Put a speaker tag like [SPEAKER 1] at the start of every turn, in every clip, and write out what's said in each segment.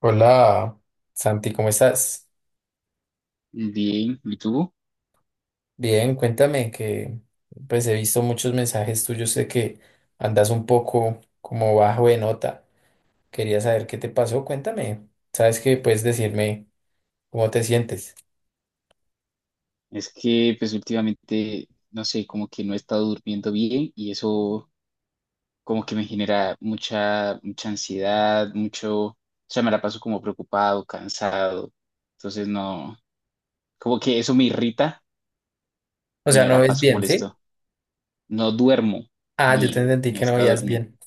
[SPEAKER 1] Hola, Santi, ¿cómo estás?
[SPEAKER 2] Bien, ¿y tú?
[SPEAKER 1] Bien, cuéntame que pues he visto muchos mensajes tuyos de que andas un poco como bajo de nota. Quería saber qué te pasó, cuéntame. ¿Sabes que puedes decirme cómo te sientes?
[SPEAKER 2] Es que pues últimamente, no sé, como que no he estado durmiendo bien y eso como que me genera mucha ansiedad, mucho, o sea, me la paso como preocupado, cansado. Entonces no, como que eso me irrita
[SPEAKER 1] O
[SPEAKER 2] y
[SPEAKER 1] sea,
[SPEAKER 2] me
[SPEAKER 1] no
[SPEAKER 2] la
[SPEAKER 1] ves
[SPEAKER 2] paso
[SPEAKER 1] bien, ¿sí?
[SPEAKER 2] molesto. No duermo
[SPEAKER 1] Ah, yo te
[SPEAKER 2] bien,
[SPEAKER 1] entendí
[SPEAKER 2] no he
[SPEAKER 1] que no
[SPEAKER 2] estado
[SPEAKER 1] veías
[SPEAKER 2] durmiendo,
[SPEAKER 1] bien.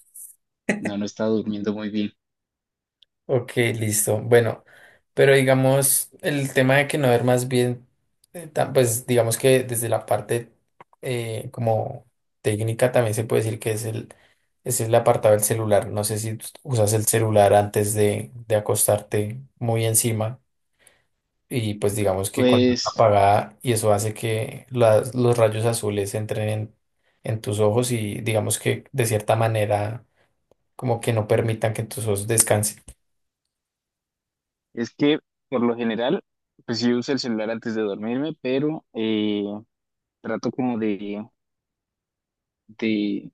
[SPEAKER 2] no he estado durmiendo muy bien.
[SPEAKER 1] Ok, listo. Bueno, pero digamos, el tema de que no ver más bien, pues digamos que desde la parte como técnica también se puede decir que es el apartado del celular. No sé si tú usas el celular antes de acostarte muy encima y pues digamos que con la luz
[SPEAKER 2] Pues
[SPEAKER 1] apagada y eso hace que los rayos azules entren en tus ojos y digamos que de cierta manera como que no permitan que tus ojos descansen.
[SPEAKER 2] es que por lo general, pues yo uso el celular antes de dormirme, pero trato como de... de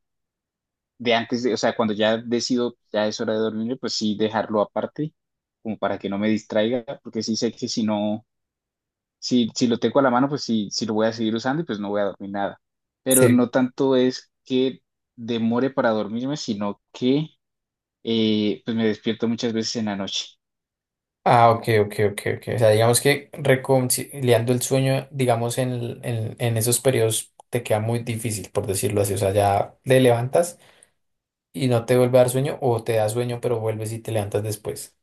[SPEAKER 2] de antes de, o sea, cuando ya decido, ya es hora de dormir, pues sí dejarlo aparte, como para que no me distraiga, porque sí sé que si no, si lo tengo a la mano, pues sí, sí lo voy a seguir usando y pues no voy a dormir nada. Pero
[SPEAKER 1] Sí.
[SPEAKER 2] no tanto es que demore para dormirme, sino que pues me despierto muchas veces en la noche.
[SPEAKER 1] Ah, ok, ok, ok, ok. O sea, digamos que reconciliando el sueño, digamos, en esos periodos te queda muy difícil, por decirlo así. O sea, ya te levantas y no te vuelve a dar sueño o te da sueño, pero vuelves y te levantas después.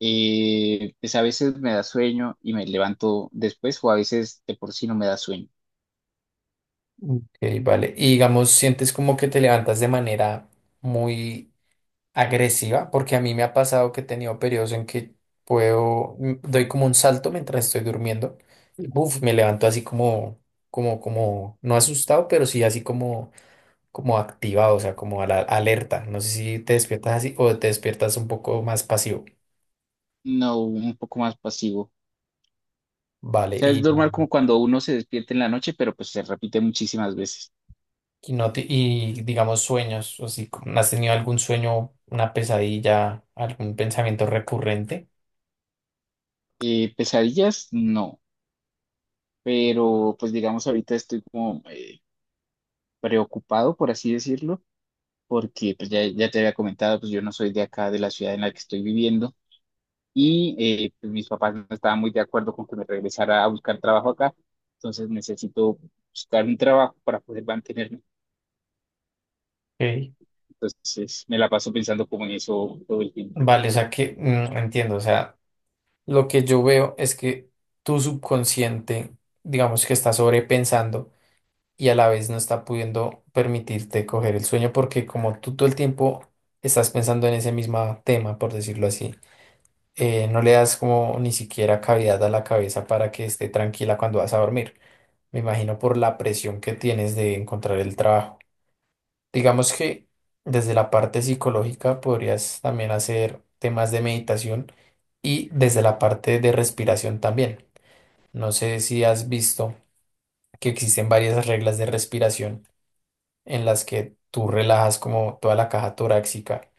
[SPEAKER 2] Pues a veces me da sueño y me levanto después, o a veces de por sí no me da sueño.
[SPEAKER 1] Ok, vale. Y digamos, sientes como que te levantas de manera muy agresiva, porque a mí me ha pasado que he tenido periodos en que doy como un salto mientras estoy durmiendo. Uf, me levanto así como, no asustado, pero sí así como activado, o sea, como a la alerta. No sé si te despiertas así o te despiertas un poco más pasivo.
[SPEAKER 2] No, un poco más pasivo.
[SPEAKER 1] Vale,
[SPEAKER 2] O sea, es normal como cuando uno se despierta en la noche, pero pues se repite muchísimas veces.
[SPEAKER 1] y no te- y digamos sueños, o si como has tenido algún sueño, una pesadilla, algún pensamiento recurrente.
[SPEAKER 2] Pesadillas, no, pero pues digamos ahorita estoy como preocupado, por así decirlo, porque pues ya, ya te había comentado, pues yo no soy de acá, de la ciudad en la que estoy viviendo, y pues, mis papás no estaban muy de acuerdo con que me regresara a buscar trabajo acá, entonces necesito buscar un trabajo para poder mantenerme.
[SPEAKER 1] Ok.
[SPEAKER 2] Entonces me la paso pensando como en eso todo el tiempo.
[SPEAKER 1] Vale, o sea que entiendo, o sea, lo que yo veo es que tu subconsciente, digamos que está sobrepensando y a la vez no está pudiendo permitirte coger el sueño porque como tú todo el tiempo estás pensando en ese mismo tema, por decirlo así, no le das como ni siquiera cavidad a la cabeza para que esté tranquila cuando vas a dormir. Me imagino por la presión que tienes de encontrar el trabajo. Digamos que desde la parte psicológica podrías también hacer temas de meditación y desde la parte de respiración también. No sé si has visto que existen varias reglas de respiración en las que tú relajas como toda la caja torácica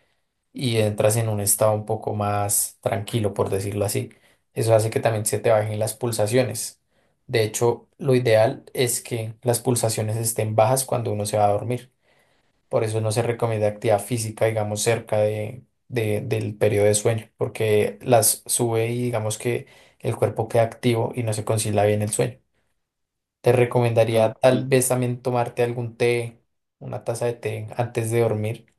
[SPEAKER 1] y entras en un estado un poco más tranquilo, por decirlo así. Eso hace que también se te bajen las pulsaciones. De hecho, lo ideal es que las pulsaciones estén bajas cuando uno se va a dormir. Por eso no se recomienda actividad física, digamos, cerca del periodo de sueño, porque las sube y digamos que el cuerpo queda activo y no se concilia bien el sueño. Te recomendaría tal
[SPEAKER 2] Ok.
[SPEAKER 1] vez también tomarte algún té, una taza de té antes de dormir,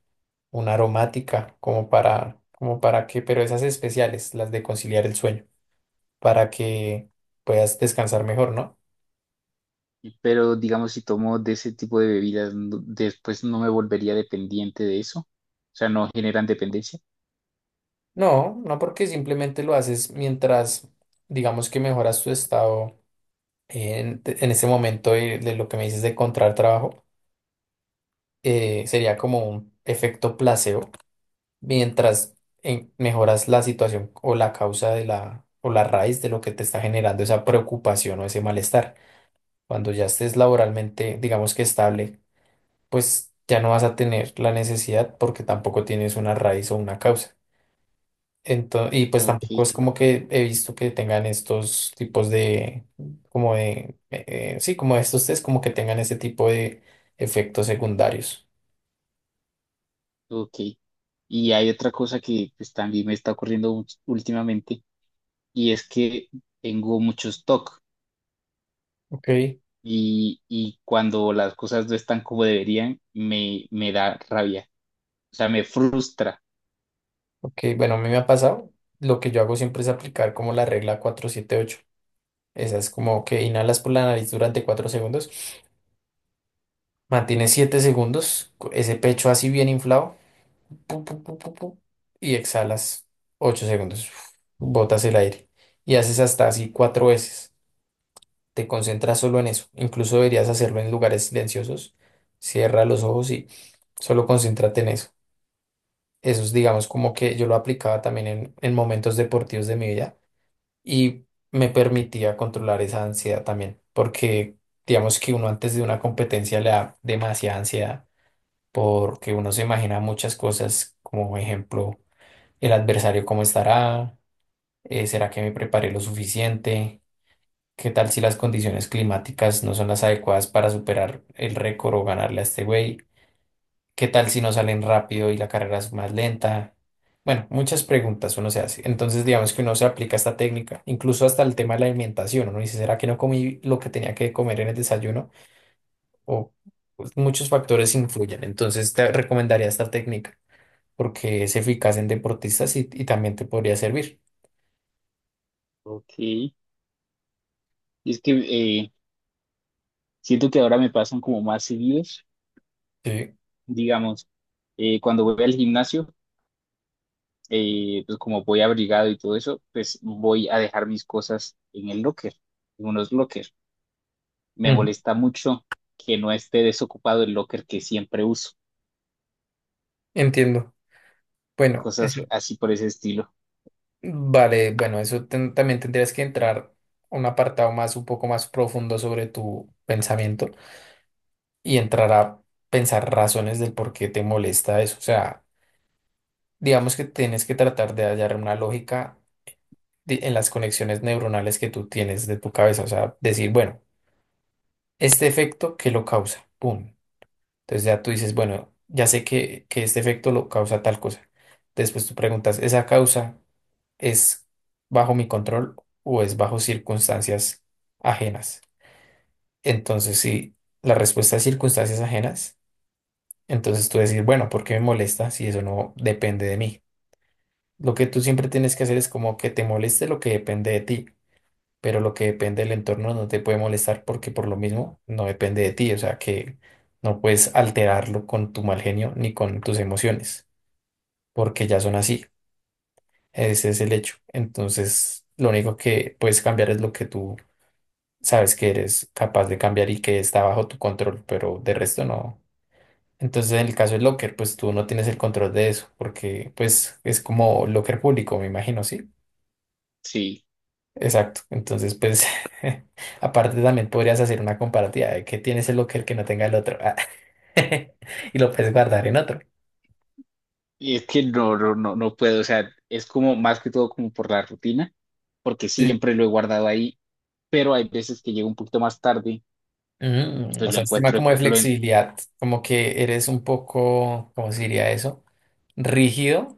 [SPEAKER 1] una aromática, como para, como para que, pero esas especiales, las de conciliar el sueño, para que puedas descansar mejor, ¿no?
[SPEAKER 2] Pero digamos, si tomo de ese tipo de bebidas, no- después no me volvería dependiente de eso. O sea, no generan dependencia.
[SPEAKER 1] No, no porque simplemente lo haces mientras, digamos que mejoras tu estado en ese momento de lo que me dices de encontrar trabajo, sería como un efecto placebo, mientras mejoras la situación o la causa de la, o la raíz de lo que te está generando esa preocupación o ese malestar. Cuando ya estés laboralmente, digamos que estable, pues ya no vas a tener la necesidad porque tampoco tienes una raíz o una causa. Entonces, y pues
[SPEAKER 2] Ok,
[SPEAKER 1] tampoco es como que he visto que tengan estos tipos de, como de, sí, como estos test, como que tengan ese tipo de efectos secundarios.
[SPEAKER 2] ok. Y hay otra cosa que pues, también me está ocurriendo ú- últimamente y es que tengo mucho stock
[SPEAKER 1] Ok,
[SPEAKER 2] y cuando las cosas no están como deberían, me da rabia. O sea, me frustra.
[SPEAKER 1] ok, bueno, a mí me ha pasado, lo que yo hago siempre es aplicar como la regla 4-7-8. Esa es como que inhalas por la nariz durante 4 segundos, mantienes 7 segundos, ese pecho así bien inflado, pu, pu, pu, pu, pu, y exhalas 8 segundos, botas el aire y haces hasta así cuatro veces. Te concentras solo en eso. Incluso deberías hacerlo en lugares silenciosos. Cierra los ojos y solo concéntrate en eso. Eso es, digamos, como que yo lo aplicaba también en momentos deportivos de mi vida y me permitía controlar esa ansiedad también, porque digamos que uno antes de una competencia le da demasiada ansiedad porque uno se imagina muchas cosas, como ejemplo el adversario cómo estará, será que me preparé lo suficiente, qué tal si las condiciones climáticas no son las adecuadas para superar el récord o ganarle a este güey, qué tal si no salen rápido y la carrera es más lenta. Bueno, muchas preguntas uno se hace. Entonces, digamos que uno se aplica esta técnica, incluso hasta el tema de la alimentación. Uno dice, ¿será que no comí lo que tenía que comer en el desayuno? O pues, muchos factores influyen. Entonces, te recomendaría esta técnica porque es eficaz en deportistas y también te podría servir.
[SPEAKER 2] Ok. Y es que eh, siento que ahora me pasan como más seguidos,
[SPEAKER 1] Sí.
[SPEAKER 2] digamos, cuando voy al gimnasio. Pues como voy abrigado y todo eso, pues voy a dejar mis cosas en el locker, en unos locker. Me
[SPEAKER 1] Ujú.
[SPEAKER 2] molesta mucho que no esté desocupado el locker que siempre uso,
[SPEAKER 1] Entiendo. Bueno, es-
[SPEAKER 2] cosas así por ese estilo.
[SPEAKER 1] vale, bueno, también tendrías que entrar a un apartado más, un poco más profundo sobre tu pensamiento y entrar a pensar razones del por qué te molesta eso. O sea, digamos que tienes que tratar de hallar una lógica en las conexiones neuronales que tú tienes de tu cabeza. O sea, decir, bueno, este efecto, ¿qué lo causa? Pum. Entonces ya tú dices, bueno, ya sé que este efecto lo causa tal cosa. Después tú preguntas, ¿esa causa es bajo mi control o es bajo circunstancias ajenas? Entonces, si la respuesta es circunstancias ajenas, entonces tú decir bueno, ¿por qué me molesta si eso no depende de mí? Lo que tú siempre tienes que hacer es como que te moleste lo que depende de ti, pero lo que depende del entorno no te puede molestar porque por lo mismo no depende de ti, o sea que no puedes alterarlo con tu mal genio ni con tus emociones, porque ya son así. Ese es el hecho. Entonces, lo único que puedes cambiar es lo que tú sabes que eres capaz de cambiar y que está bajo tu control, pero de resto no. Entonces, en el caso de Locker, pues tú no tienes el control de eso, porque pues es como Locker público, me imagino, ¿sí?
[SPEAKER 2] Sí,
[SPEAKER 1] Exacto. Entonces, pues, aparte también podrías hacer una comparativa de que tienes el Locker que no tenga el otro ah, y lo puedes guardar en otro.
[SPEAKER 2] y es que no puedo, o sea, es como más que todo como por la rutina, porque
[SPEAKER 1] Sí.
[SPEAKER 2] siempre lo he guardado ahí, pero hay veces que llego un poquito más tarde
[SPEAKER 1] Mm,
[SPEAKER 2] y
[SPEAKER 1] o
[SPEAKER 2] pues lo
[SPEAKER 1] sea, es tema
[SPEAKER 2] encuentro,
[SPEAKER 1] como de
[SPEAKER 2] lo, en-
[SPEAKER 1] flexibilidad, como que eres un poco, ¿cómo se diría eso? Rígido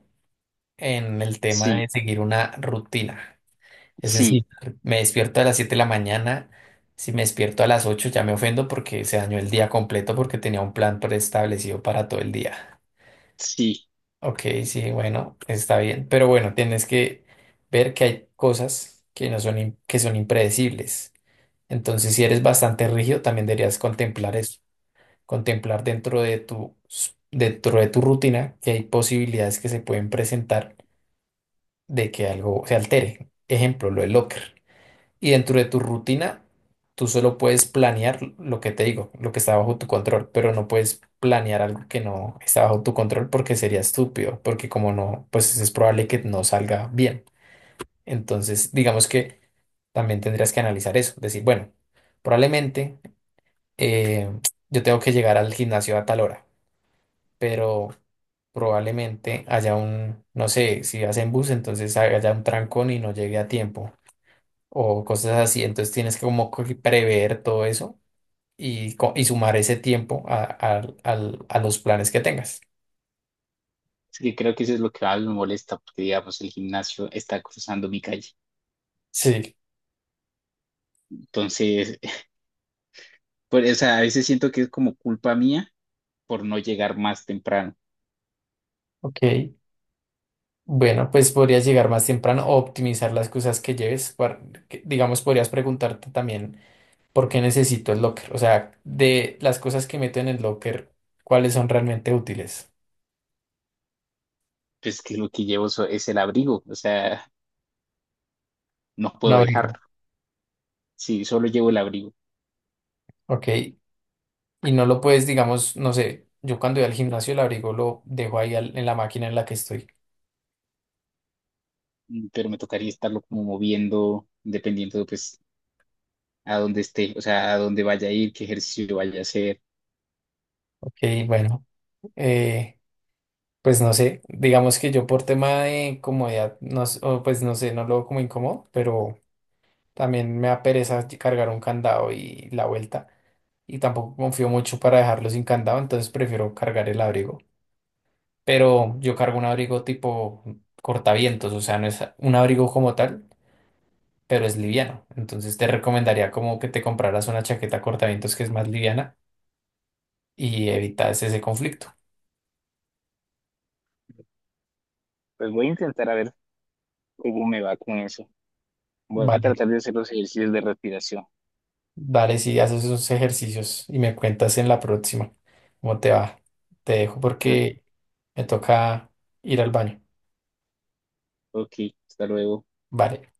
[SPEAKER 1] en el tema
[SPEAKER 2] sí,
[SPEAKER 1] de seguir una rutina. Es
[SPEAKER 2] sí,
[SPEAKER 1] decir, me despierto a las 7 de la mañana. Si me despierto a las 8, ya me ofendo porque se dañó el día completo porque tenía un plan preestablecido para todo el día.
[SPEAKER 2] sí.
[SPEAKER 1] Ok, sí, bueno, está bien. Pero bueno, tienes que ver que hay cosas que no son, que son impredecibles. Entonces, si eres bastante rígido, también deberías contemplar eso, contemplar dentro de tu, dentro de tu rutina que hay posibilidades que se pueden presentar de que algo se altere. Ejemplo, lo del locker. Y dentro de tu rutina, tú solo puedes planear lo que te digo, lo que está bajo tu control, pero no puedes planear algo que no está bajo tu control porque sería estúpido, porque como no, pues es probable que no salga bien. Entonces, digamos que también tendrías que analizar eso, decir, bueno, probablemente eh, yo tengo que llegar al gimnasio a tal hora, pero probablemente haya un, no sé, si vas en bus, entonces haya un trancón y no llegue a tiempo o cosas así. Entonces tienes que como que prever todo eso y y sumar ese tiempo a los planes que tengas.
[SPEAKER 2] Es que creo que eso es lo que más me molesta, porque digamos, el gimnasio está cruzando mi calle.
[SPEAKER 1] Sí,
[SPEAKER 2] Entonces, pues, o sea, a veces siento que es como culpa mía por no llegar más temprano.
[SPEAKER 1] ok. Bueno, pues podrías llegar más temprano o optimizar las cosas que lleves. Digamos, podrías preguntarte también por qué necesito el locker. O sea, de las cosas que meto en el locker, ¿cuáles son realmente útiles?
[SPEAKER 2] Pues que lo que llevo so- es el abrigo, o sea, no
[SPEAKER 1] Un
[SPEAKER 2] puedo dejarlo.
[SPEAKER 1] abrigo.
[SPEAKER 2] Sí, solo llevo el abrigo.
[SPEAKER 1] Ok. Y no lo puedes, digamos, no sé, yo cuando voy al gimnasio el abrigo lo dejo ahí en la máquina en la que estoy.
[SPEAKER 2] Mm, pero me tocaría estarlo como moviendo, dependiendo, pues, a dónde esté, o sea, a dónde vaya a ir, qué ejercicio vaya a hacer.
[SPEAKER 1] Ok, bueno. eh, Pues no sé, digamos que yo por tema de comodidad, o pues no sé, no lo veo como incómodo, pero también me da pereza cargar un candado y la vuelta. Y tampoco confío mucho para dejarlo sin candado, entonces prefiero cargar el abrigo. Pero yo cargo un abrigo tipo cortavientos, o sea, no es un abrigo como tal, pero es liviano. Entonces te recomendaría como que te compraras una chaqueta cortavientos que es más liviana y evitas ese conflicto.
[SPEAKER 2] Pues voy a intentar a ver cómo me va con eso. Voy a
[SPEAKER 1] Vale.
[SPEAKER 2] tratar de hacer los ejercicios de respiración.
[SPEAKER 1] Vale, sí, haces esos ejercicios y me cuentas en la próxima cómo te va. Te dejo, vale, porque me toca ir al baño.
[SPEAKER 2] Ok, hasta luego.
[SPEAKER 1] Vale.